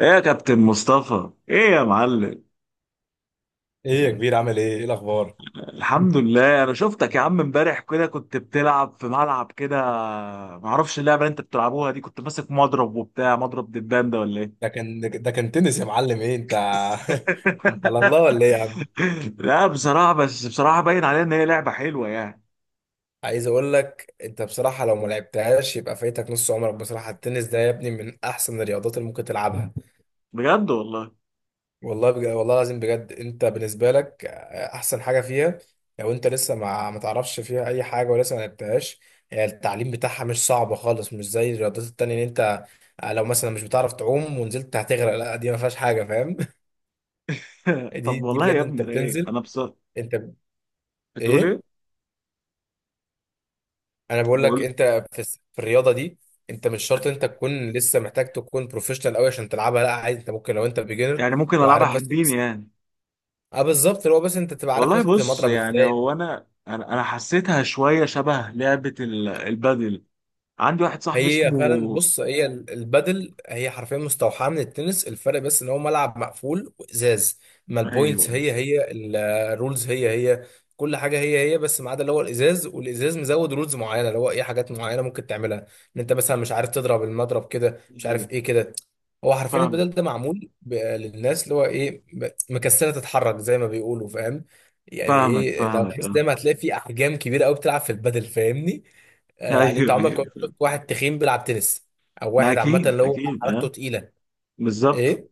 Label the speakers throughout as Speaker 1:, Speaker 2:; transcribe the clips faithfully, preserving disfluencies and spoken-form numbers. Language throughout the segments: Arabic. Speaker 1: ايه يا كابتن مصطفى، ايه يا معلم.
Speaker 2: ايه يا كبير، عامل ايه؟ ايه الاخبار؟
Speaker 1: الحمد لله. انا شفتك يا عم امبارح كده، كنت بتلعب في ملعب كده. معرفش اللعبه اللي انت بتلعبوها دي. كنت ماسك مضرب وبتاع مضرب دبان ده ولا ايه؟
Speaker 2: ده كان ده كان تنس يا معلم. ايه انت؟ انت على الله ولا ايه يا عم؟
Speaker 1: لا بصراحه، بس بصراحه باين عليها ان هي لعبه حلوه يعني.
Speaker 2: عايز اقول لك، انت بصراحه لو ما لعبتهاش يبقى فايتك نص عمرك. بصراحه التنس ده يا ابني من احسن الرياضات اللي ممكن تلعبها.
Speaker 1: بجد والله.
Speaker 2: والله بجد، والله العظيم بجد، انت بالنسبه لك آه، احسن حاجه فيها، لو انت لسه ما ما تعرفش فيها اي حاجه ولسه ما لعبتهاش. هي التعليم بتاعها مش صعب خالص، مش زي الرياضات التانية ان انت آه، لو مثلا مش بتعرف تعوم ونزلت هتغرق، لا دي ما فيهاش حاجه. فاهم؟ دي
Speaker 1: طب
Speaker 2: دي
Speaker 1: والله
Speaker 2: بجد
Speaker 1: يا ابني
Speaker 2: انت
Speaker 1: ده ايه؟
Speaker 2: بتنزل.
Speaker 1: انا بصراحه.
Speaker 2: انت
Speaker 1: بتقول
Speaker 2: ايه؟
Speaker 1: ايه؟
Speaker 2: انا بقول لك
Speaker 1: بقول
Speaker 2: انت، في الس- في الرياضه دي انت مش شرط انت تكون لسه محتاج تكون بروفيشنال قوي عشان تلعبها. لا عادي انت ممكن لو انت بيجنر
Speaker 1: يعني ممكن العبها
Speaker 2: وعارف، بس
Speaker 1: حبيني
Speaker 2: بس
Speaker 1: يعني.
Speaker 2: اه بالظبط، اللي هو بس انت تبقى عارف
Speaker 1: والله
Speaker 2: ماسك
Speaker 1: بص،
Speaker 2: المضرب
Speaker 1: يعني
Speaker 2: ازاي.
Speaker 1: هو انا انا أنا حسيتها شويه شبه لعبه ال- البادل. عندي واحد صاحبي
Speaker 2: هي فعلا
Speaker 1: اسمه.
Speaker 2: بص، هي ال- البادل هي حرفيا مستوحاه من التنس، الفرق بس ان هو ملعب مقفول وازاز. ما
Speaker 1: ايوه
Speaker 2: البوينتس هي هي، ال- الرولز هي هي، كل حاجه هي هي، بس ما عدا اللي هو الازاز. والازاز مزود رولز معينه، اللي هو ايه، حاجات معينه ممكن تعملها. ان انت مثلا مش عارف تضرب المضرب كده، مش
Speaker 1: ايوه
Speaker 2: عارف ايه كده. هو حرفيا
Speaker 1: فاهم.
Speaker 2: البدل ده معمول ب- للناس اللي هو ايه، ب- مكسله تتحرك زي ما بيقولوا. فاهم؟ يعني
Speaker 1: فاهمك
Speaker 2: ايه، لو
Speaker 1: فاهمك
Speaker 2: تحس
Speaker 1: اه.
Speaker 2: دايما هتلاقي في احجام كبيره قوي بتلعب في البدل. فاهمني؟ آه، يعني انت
Speaker 1: ايوه
Speaker 2: عمرك
Speaker 1: ايوه
Speaker 2: ما
Speaker 1: فاهم.
Speaker 2: شفت واحد تخين بيلعب تنس، او
Speaker 1: ما
Speaker 2: واحد عامه
Speaker 1: اكيد
Speaker 2: اللي هو
Speaker 1: اكيد
Speaker 2: حركته
Speaker 1: اه.
Speaker 2: تقيله.
Speaker 1: بالظبط.
Speaker 2: ايه؟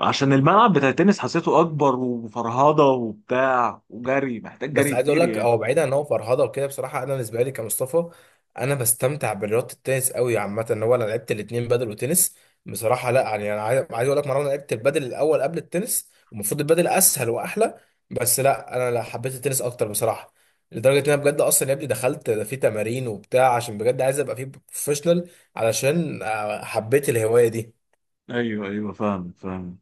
Speaker 1: عشان الملعب بتاع التنس حسيته اكبر وفرهضه وبتاع وجري، محتاج
Speaker 2: بس
Speaker 1: جري
Speaker 2: عايز اقول
Speaker 1: كتير
Speaker 2: لك،
Speaker 1: يعني.
Speaker 2: هو بعيدا ان هو فرهده وكده، بصراحه انا بالنسبه لي كمصطفى، انا بستمتع برياضه التنس قوي عامه. ان هو انا لعبت الاثنين، بدل وتنس. بصراحه لا، يعني انا عايز عايز اقول لك مره، انا لعبت البدل الاول قبل التنس، ومفروض البدل اسهل واحلى، بس لا انا لا حبيت التنس اكتر بصراحه. لدرجه ان انا بجد اصلا يا ابني دخلت في تمارين وبتاع، عشان بجد عايز ابقى فيه بروفيشنال، علشان آه، حبيت الهوايه دي.
Speaker 1: ايوه ايوه فاهم فاهم.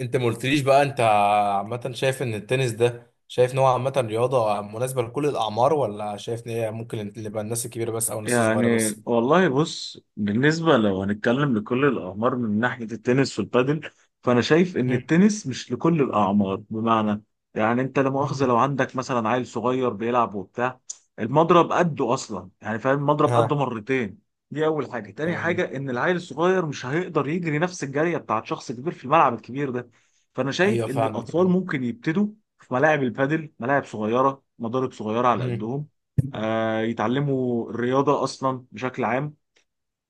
Speaker 2: انت ما قلتليش بقى انت عامة شايف ان التنس ده، شايف ان هو عامة رياضة مناسبة لكل الأعمار، ولا شايف ان هي ممكن تبقى الناس الكبيرة بس أو الناس الصغيرة
Speaker 1: يعني
Speaker 2: بس؟
Speaker 1: والله بص، بالنسبة لو هنتكلم لكل الأعمار من ناحية التنس والبادل، فأنا شايف إن
Speaker 2: هم.
Speaker 1: التنس مش لكل الأعمار بمعنى. يعني أنت لا مؤاخذة،
Speaker 2: هم.
Speaker 1: لو عندك مثلا عيل صغير بيلعب وبتاع، المضرب قده أصلا، يعني فاهم المضرب قده
Speaker 2: ها.
Speaker 1: مرتين. دي أول حاجة. تاني
Speaker 2: تمام.
Speaker 1: حاجة إن العيل الصغير مش هيقدر يجري نفس الجرية بتاعت شخص كبير في الملعب الكبير ده. فأنا شايف
Speaker 2: أيوه
Speaker 1: إن الأطفال
Speaker 2: فاهمك.
Speaker 1: ممكن يبتدوا في ملاعب البادل، ملاعب صغيرة مضارب صغيرة على
Speaker 2: هم.
Speaker 1: قدهم. آه، يتعلموا الرياضة أصلا بشكل عام.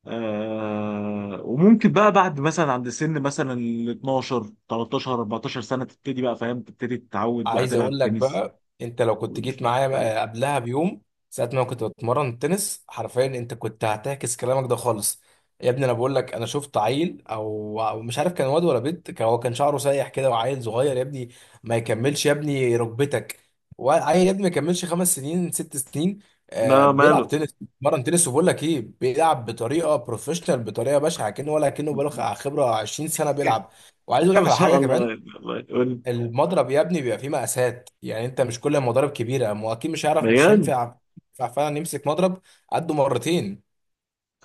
Speaker 1: آه، وممكن بقى بعد مثلا عند سن مثلا ال اثنا عشر تلتاشر اربعتاشر سنة تبتدي بقى، فاهم، تبتدي تتعود بقى
Speaker 2: عايز اقول
Speaker 1: تلعب
Speaker 2: لك
Speaker 1: تنس.
Speaker 2: بقى، انت لو كنت جيت معايا بقى قبلها بيوم، ساعه ما كنت بتمرن تنس، حرفيا انت كنت هتعكس كلامك ده خالص. يا ابني انا بقول لك، انا شفت عيل او أو مش عارف كان واد ولا بنت، كان هو كان شعره سايح كده، وعيل صغير يا ابني، ما يكملش يا ابني ركبتك، وعيل يا ابني ما يكملش خمس سنين ست سنين، آه
Speaker 1: لا
Speaker 2: بيلعب
Speaker 1: ماله.
Speaker 2: تنس، بيتمرن تنس، وبقول لك ايه، بيلعب بطريقه بروفيشنال، بطريقه بشعه، كأنه ولا كأنه بقاله خبره عشرين سنه بيلعب. وعايز اقول لك
Speaker 1: ما
Speaker 2: على
Speaker 1: شاء
Speaker 2: حاجه
Speaker 1: الله،
Speaker 2: كمان،
Speaker 1: الله يقول.
Speaker 2: المضرب يا ابني بيبقى فيه مقاسات، يعني انت مش كل المضارب كبيره، ما هو اكيد مش هيعرف، مش
Speaker 1: بجد.
Speaker 2: هينفع ينفع فعلا يمسك مضرب قده مرتين.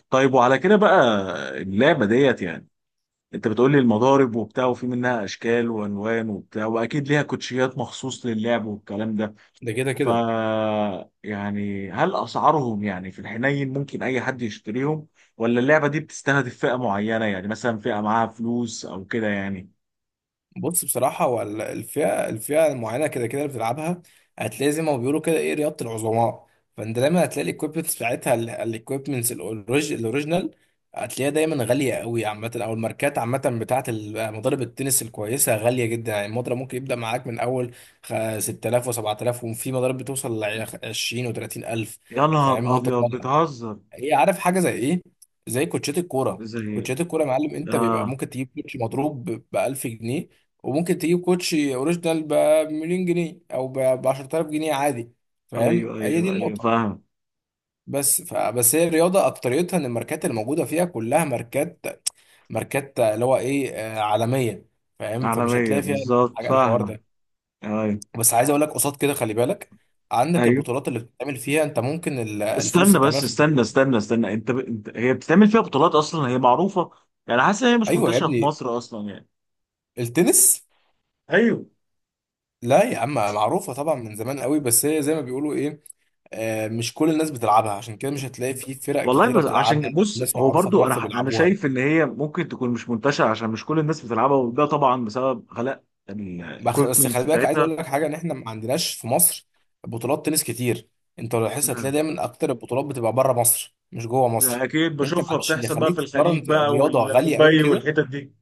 Speaker 1: طيب وعلى كده بقى، اللعبة ديت يعني، انت بتقول لي المضارب وبتاع، وفي منها اشكال والوان وبتاع، واكيد ليها كوتشيات مخصوص للعب والكلام ده.
Speaker 2: ده كده
Speaker 1: ف
Speaker 2: كده.
Speaker 1: يعني هل اسعارهم يعني في الحنين ممكن اي حد يشتريهم؟ ولا اللعبه دي بتستهدف فئه معينه يعني مثلا فئه معاها فلوس او كده يعني؟
Speaker 2: بص بصراحة، هو ال- الفئة الفئة المعينة كده كده اللي بتلعبها، هتلاقي زي ما بيقولوا كده ايه، رياضة العظماء. فانت دايما هتلاقي الاكويبمنتس بتاعتها، الاكويبمنتس الاوريجينال، هتلاقيها دايما غالية قوي عامة. او الماركات عامة بتاعة ال- مضارب التنس الكويسة غالية جدا. يعني المضرب ممكن يبدأ معاك من اول خ- ستة آلاف و7000، وفي مضارب بتوصل ل عشرين و ثلاثين الف.
Speaker 1: يا
Speaker 2: فاهم؟
Speaker 1: نهار
Speaker 2: وانت
Speaker 1: ابيض،
Speaker 2: طالع
Speaker 1: بتهزر.
Speaker 2: هي، عارف حاجه زي ايه؟ زي كوتشات الكوره.
Speaker 1: زي
Speaker 2: كوتشات الكوره يا معلم، انت
Speaker 1: اه،
Speaker 2: بيبقى ممكن تجيب كوتش مضروب ب ألف جنيه، وممكن تجيب كوتش اوريجينال ب مليون جنيه، او ب عشرالاف جنيه عادي. فاهم؟
Speaker 1: ايوه
Speaker 2: هي دي
Speaker 1: ايوه ايوه
Speaker 2: النقطه.
Speaker 1: فاهم.
Speaker 2: بس ف... بس هي الرياضه اكتريتها ان الماركات اللي موجوده فيها كلها ماركات، ماركات اللي هو ايه، آه، عالميه. فاهم؟ فمش
Speaker 1: عالميه
Speaker 2: هتلاقي فيها
Speaker 1: بالظبط
Speaker 2: حاجه الحوار
Speaker 1: فاهمك.
Speaker 2: ده.
Speaker 1: ايوه
Speaker 2: بس عايز اقول لك قصاد كده، خلي بالك، عندك
Speaker 1: ايوه.
Speaker 2: البطولات اللي بتتعمل فيها، انت ممكن ال- الفلوس اللي
Speaker 1: استنى
Speaker 2: بتعملها
Speaker 1: بس،
Speaker 2: في
Speaker 1: استنى
Speaker 2: البطولات.
Speaker 1: استنى استنى انت، ب... انت هي بتتعمل فيها بطولات اصلا؟ هي معروفه يعني؟ حاسس ان هي مش
Speaker 2: ايوه يا
Speaker 1: منتشره في
Speaker 2: ابني.
Speaker 1: مصر اصلا يعني.
Speaker 2: التنس،
Speaker 1: ايوه.
Speaker 2: لا يا عم معروفة طبعا من زمان قوي، بس هي زي ما بيقولوا ايه، آه مش كل الناس بتلعبها، عشان كده مش هتلاقي في فرق
Speaker 1: والله
Speaker 2: كتيرة
Speaker 1: بس عشان
Speaker 2: بتلعبها او
Speaker 1: بص،
Speaker 2: ناس
Speaker 1: هو
Speaker 2: معروفة في
Speaker 1: برضو انا
Speaker 2: مصر
Speaker 1: ح- انا
Speaker 2: بيلعبوها.
Speaker 1: شايف ان هي ممكن تكون مش منتشره عشان مش كل الناس بتلعبها، وده طبعا بسبب غلاء
Speaker 2: بخ- بس خلي
Speaker 1: الايكويبمنتس
Speaker 2: بالك، عايز
Speaker 1: بتاعتها.
Speaker 2: اقول لك حاجة، ان احنا ما عندناش في مصر بطولات تنس كتير. انت لو لاحظت هتلاقي
Speaker 1: مم.
Speaker 2: دايما اكتر البطولات بتبقى بره مصر مش جوه مصر.
Speaker 1: اكيد
Speaker 2: ان انت
Speaker 1: بشوفها
Speaker 2: معلش اللي
Speaker 1: بتحصل بقى في
Speaker 2: يخليك
Speaker 1: الخليج
Speaker 2: تتمرن
Speaker 1: بقى
Speaker 2: رياضة غالية قوي
Speaker 1: ودبي
Speaker 2: كده،
Speaker 1: والحتت دي.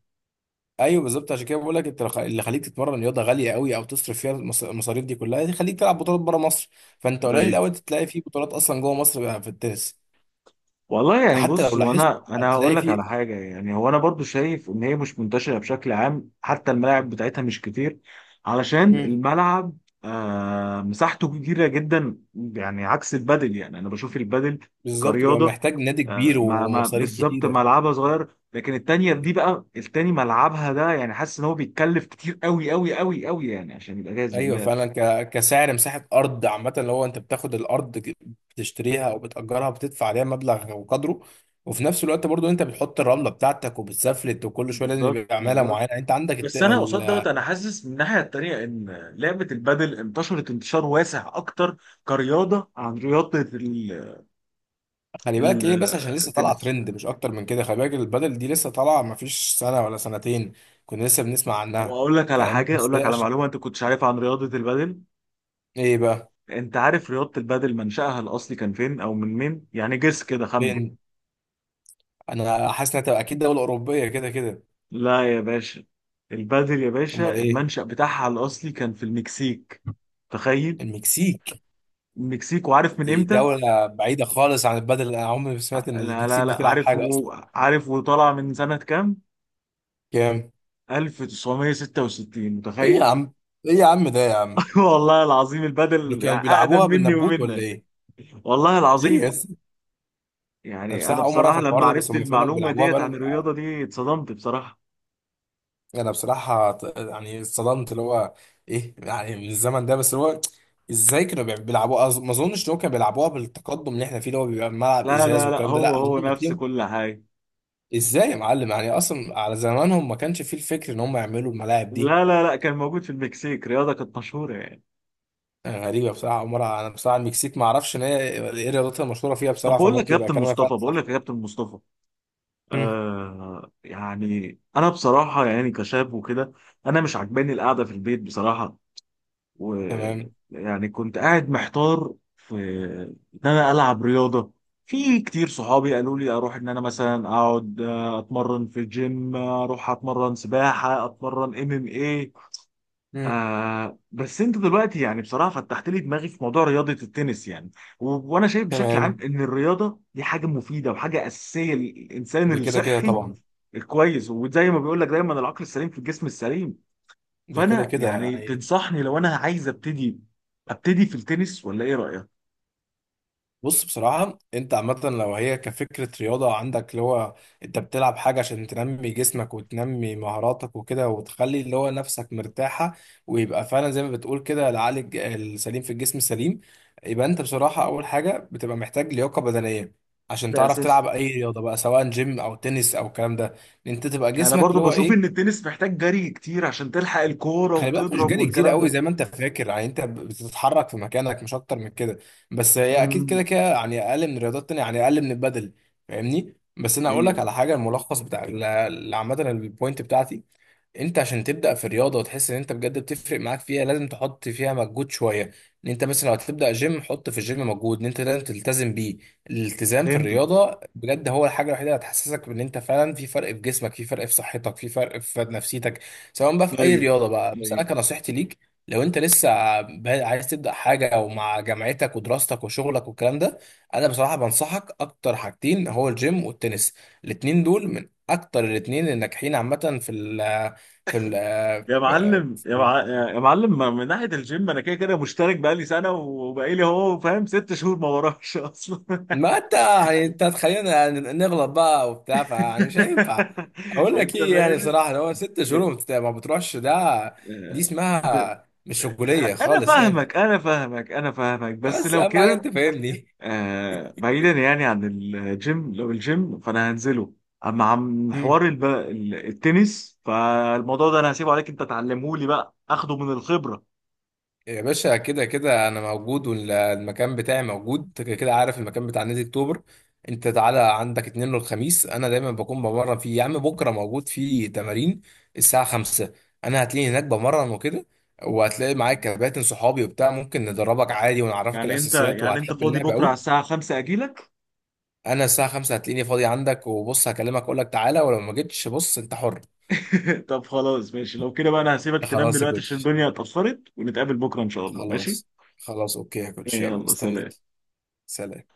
Speaker 2: ايوه بالظبط عشان كده بقول لك، انت لخ- اللي خليك تتمرن رياضة غالية قوي، او تصرف فيها المص- المصاريف دي كلها، يخليك تلعب بطولات بره مصر. فانت قليل
Speaker 1: أيوة.
Speaker 2: قوي تلاقي في بطولات اصلا جوه مصر بقى في التنس.
Speaker 1: والله يعني
Speaker 2: حتى
Speaker 1: بص،
Speaker 2: لو لاحظت
Speaker 1: وانا انا هقول
Speaker 2: هتلاقي
Speaker 1: لك على
Speaker 2: في،
Speaker 1: حاجه يعني. هو انا برضو شايف ان هي مش منتشره بشكل عام، حتى الملاعب بتاعتها مش كتير. علشان
Speaker 2: مم.
Speaker 1: الملعب آه مساحته كبيره جدا يعني، عكس البادل. يعني انا بشوف البادل
Speaker 2: بالظبط بيبقى
Speaker 1: كرياضه،
Speaker 2: محتاج نادي
Speaker 1: آه
Speaker 2: كبير
Speaker 1: ما ما
Speaker 2: ومصاريف
Speaker 1: بالظبط
Speaker 2: كتيرة.
Speaker 1: ملعبها صغير، لكن التانيه دي بقى، التاني ملعبها ده يعني حاسس ان هو بيتكلف كتير قوي قوي قوي قوي يعني عشان يبقى جاهز
Speaker 2: ايوه
Speaker 1: لله.
Speaker 2: فعلا، ك... كسعر مساحة ارض عامة، اللي هو انت بتاخد الارض، ك- بتشتريها او بتأجرها، بتدفع عليها مبلغ وقدره. وفي نفس الوقت برضو انت بتحط الرملة بتاعتك، وبتسفلت، وكل شوية لازم
Speaker 1: بالظبط
Speaker 2: يبقى عمالة
Speaker 1: بالظبط.
Speaker 2: معينة. انت عندك الت...
Speaker 1: بس انا قصاد دوت،
Speaker 2: ال...
Speaker 1: انا حاسس من الناحيه التانيه ان لعبه البادل انتشرت انتشار واسع اكتر كرياضه عن رياضه ال-
Speaker 2: خلي بالك
Speaker 1: ال-
Speaker 2: ايه، بس عشان لسه طالعة
Speaker 1: التنس.
Speaker 2: ترند مش اكتر من كده. خلي بالك البدل دي لسه طالعة مفيش سنة ولا سنتين، كنا لسه بنسمع
Speaker 1: طب
Speaker 2: عنها.
Speaker 1: اقول لك على
Speaker 2: فاهم؟
Speaker 1: حاجه،
Speaker 2: بس
Speaker 1: اقول لك
Speaker 2: هي
Speaker 1: على
Speaker 2: عشان
Speaker 1: معلومه انت كنتش عارفها عن رياضه البادل.
Speaker 2: ايه بقى؟
Speaker 1: انت عارف رياضه البادل منشأها الاصلي كان فين او من مين؟ يعني جس كده، خمن.
Speaker 2: فين؟ انا حاسس انها تبقى اكيد دوله اوروبيه كده كده.
Speaker 1: لا يا باشا. البادل يا
Speaker 2: امال
Speaker 1: باشا
Speaker 2: ايه؟
Speaker 1: المنشأ بتاعها الاصلي كان في المكسيك، تخيل.
Speaker 2: المكسيك؟
Speaker 1: المكسيك، وعارف من
Speaker 2: دي
Speaker 1: امتى؟
Speaker 2: دوله بعيده خالص عن البدل، انا عمري ما سمعت ان
Speaker 1: لا لا
Speaker 2: المكسيك
Speaker 1: لا،
Speaker 2: بتلعب
Speaker 1: عارف
Speaker 2: حاجه اصلا.
Speaker 1: و... عارف وطالع من سنه كام؟
Speaker 2: كام؟
Speaker 1: الف وتسعميه وستة وستين،
Speaker 2: ايه يا
Speaker 1: متخيل؟
Speaker 2: عم؟ ايه يا عم ده يا عم!
Speaker 1: والله العظيم
Speaker 2: دول
Speaker 1: البدل
Speaker 2: كانوا
Speaker 1: يعني أقدم
Speaker 2: بيلعبوها
Speaker 1: مني
Speaker 2: بالنبوت ولا
Speaker 1: ومنك.
Speaker 2: ايه؟
Speaker 1: والله
Speaker 2: ليه يا
Speaker 1: العظيم.
Speaker 2: اسطى؟ انا
Speaker 1: يعني أنا
Speaker 2: بصراحه اول مره اعرف
Speaker 1: بصراحة لما
Speaker 2: الحوار ده، بس
Speaker 1: عرفت
Speaker 2: هم فعلا
Speaker 1: المعلومة
Speaker 2: بيلعبوها
Speaker 1: ديت عن
Speaker 2: بقالهم.
Speaker 1: الرياضة دي اتصدمت بصراحة.
Speaker 2: انا بصراحه ط- يعني اتصدمت، اللي هو ايه، يعني من الزمن ده، بس اللي هو ازاي كانوا بيلعبوها؟ أظ- ما اظنش ان هو كانوا بيلعبوها بالتقدم اللي احنا فيه، اللي هو بيبقى ملعب
Speaker 1: لا
Speaker 2: ازاز
Speaker 1: لا لا،
Speaker 2: والكلام ده، لا
Speaker 1: هو هو
Speaker 2: اظن.
Speaker 1: نفس كل حاجة.
Speaker 2: ازاي يا معلم؟ يعني اصلا على زمانهم ما كانش فيه الفكر ان هم يعملوا الملاعب دي.
Speaker 1: لا لا لا، كان موجود في المكسيك رياضة كانت مشهورة يعني.
Speaker 2: يعني غريبه بصراحه عمرها، انا بصراحه المكسيك ما اعرفش ان هي ايه رياضتها المشهوره فيها
Speaker 1: طب
Speaker 2: بصراحه،
Speaker 1: بقول لك
Speaker 2: فممكن
Speaker 1: يا
Speaker 2: يبقى
Speaker 1: كابتن
Speaker 2: كلامك
Speaker 1: مصطفى،
Speaker 2: فعلا
Speaker 1: بقول لك
Speaker 2: صح.
Speaker 1: يا كابتن مصطفى،
Speaker 2: مم.
Speaker 1: آه يعني أنا بصراحة يعني كشاب وكده، أنا مش عاجباني القعدة في البيت بصراحة.
Speaker 2: تمام.
Speaker 1: ويعني كنت قاعد محتار في ان انا العب رياضه. في كتير صحابي قالوا لي اروح، ان انا مثلا اقعد آه، اتمرن في جيم، آه، اروح اتمرن سباحه، اتمرن ام ام ايه.
Speaker 2: مم.
Speaker 1: آه بس انت دلوقتي يعني بصراحه فتحت لي دماغي في موضوع رياضه التنس يعني. و- وانا شايف بشكل عام
Speaker 2: تمام.
Speaker 1: ان الرياضه دي حاجه مفيده وحاجه اساسيه للانسان
Speaker 2: ده كده كده
Speaker 1: الصحي
Speaker 2: طبعا.
Speaker 1: الكويس. وزي ما بيقول لك دايما، العقل السليم في الجسم السليم.
Speaker 2: ده كده
Speaker 1: فانا
Speaker 2: كده
Speaker 1: يعني
Speaker 2: يعني.
Speaker 1: تنصحني لو انا عايز ابتدي، ابتدي في التنس، ولا ايه رايك؟
Speaker 2: بص بصراحة، انت عامة لو هي كفكرة رياضة عندك، اللي هو انت بتلعب حاجة عشان تنمي جسمك وتنمي مهاراتك وكده، وتخلي اللي هو نفسك مرتاحة، ويبقى فعلا زي ما بتقول كده العقل الج- السليم في الجسم السليم. يبقى انت بصراحة اول حاجة بتبقى محتاج لياقة بدنية، عشان
Speaker 1: ده
Speaker 2: تعرف
Speaker 1: اساسي.
Speaker 2: تلعب اي رياضة بقى، سواء جيم او تنس او الكلام ده. ان انت تبقى
Speaker 1: انا
Speaker 2: جسمك
Speaker 1: برضو
Speaker 2: اللي هو
Speaker 1: بشوف ان
Speaker 2: ايه.
Speaker 1: التنس محتاج جري كتير عشان تلحق الكوره
Speaker 2: خلي بالك، مش
Speaker 1: وتضرب
Speaker 2: جري كتير
Speaker 1: والكلام
Speaker 2: قوي
Speaker 1: ده.
Speaker 2: زي ما انت فاكر. يعني انت بتتحرك في مكانك مش اكتر من كده. بس هي اكيد كده
Speaker 1: مم.
Speaker 2: كده يعني اقل من الرياضات التانية، يعني اقل من البدل. فاهمني؟ بس انا اقول
Speaker 1: ايوه
Speaker 2: لك على حاجه، الملخص بتاع ال- ال- عامه البوينت بتاعتي، انت عشان تبدا في الرياضه وتحس ان انت بجد بتفرق معاك فيها، لازم تحط فيها مجهود شويه. ان انت مثلا لو هتبدا جيم، حط في الجيم مجهود ان انت لازم تلتزم بيه. الالتزام في
Speaker 1: فهمت.
Speaker 2: الرياضه بجد هو الحاجه الوحيده اللي هتحسسك بان انت فعلا في فرق في جسمك، في فرق في صحتك، في فرق في نفسيتك، سواء بقى في اي
Speaker 1: ايوه
Speaker 2: رياضه بقى. بس انا
Speaker 1: ايوه.
Speaker 2: كنصيحتي ليك، لو انت لسه بادئ- عايز تبدا حاجه، او مع جامعتك ودراستك وشغلك والكلام ده، انا بصراحه بنصحك اكتر حاجتين، هو الجيم والتنس. الاتنين دول من اكتر الاتنين الناجحين عامه في في ال،
Speaker 1: يا
Speaker 2: في-
Speaker 1: معلم يا،
Speaker 2: في-
Speaker 1: مع... يا معلم ما- من ناحيه الجيم انا كده كده مشترك بقالي سنه وبقالي هو فاهم ست شهور ما وراش اصلا.
Speaker 2: ما انت يعني انت تخلينا يعني نغلط بقى وبتاع، فيعني مش هينفع. اقول لك
Speaker 1: انت
Speaker 2: ايه، يعني
Speaker 1: فاهمني.
Speaker 2: بصراحه لو هو ست شهور
Speaker 1: ب...
Speaker 2: وما بت- ما بتروحش ده، دي
Speaker 1: آه، ب...
Speaker 2: اسمها مش
Speaker 1: آه،
Speaker 2: رجوليه
Speaker 1: انا
Speaker 2: خالص يعني.
Speaker 1: فاهمك انا فاهمك انا فاهمك، بس
Speaker 2: بس
Speaker 1: لو
Speaker 2: اهم حاجه
Speaker 1: كده
Speaker 2: انت فاهمني.
Speaker 1: آه بعيدا يعني عن الجيم، لو الجيم فانا هنزله. اما عن حوار الب... ال- التنس، فالموضوع ده انا هسيبه عليك انت تعلمه لي بقى اخده من الخبرة.
Speaker 2: يا باشا، كده كده انا موجود والمكان بتاعي موجود. انت كده كده عارف المكان بتاع نادي اكتوبر. انت تعالى عندك اتنين والخميس انا دايما بكون بمرن فيه يا عم. بكره موجود فيه تمارين الساعه خمسة. انا هتلاقيني هناك بمرن وكده، وهتلاقي معايا كباتن صحابي وبتاع، ممكن ندربك عادي ونعرفك
Speaker 1: يعني انت
Speaker 2: الاساسيات
Speaker 1: يعني انت
Speaker 2: وهتحب
Speaker 1: فاضي
Speaker 2: اللعبه
Speaker 1: بكرة على
Speaker 2: قوي.
Speaker 1: الساعة خمسة اجيلك؟
Speaker 2: انا الساعه خمسة هتلاقيني فاضي عندك. وبص هكلمك اقول لك تعالى، ولو ما جيتش بص انت حر.
Speaker 1: طب خلاص ماشي، لو كده بقى انا هسيبك تنام
Speaker 2: خلاص يا
Speaker 1: دلوقتي عشان
Speaker 2: كوتش.
Speaker 1: الدنيا اتأخرت ونتقابل بكرة ان شاء الله، ماشي.
Speaker 2: خلاص. خلاص اوكي يا كوتش، يلا
Speaker 1: يلا، سلام.
Speaker 2: مستنيك. سلام.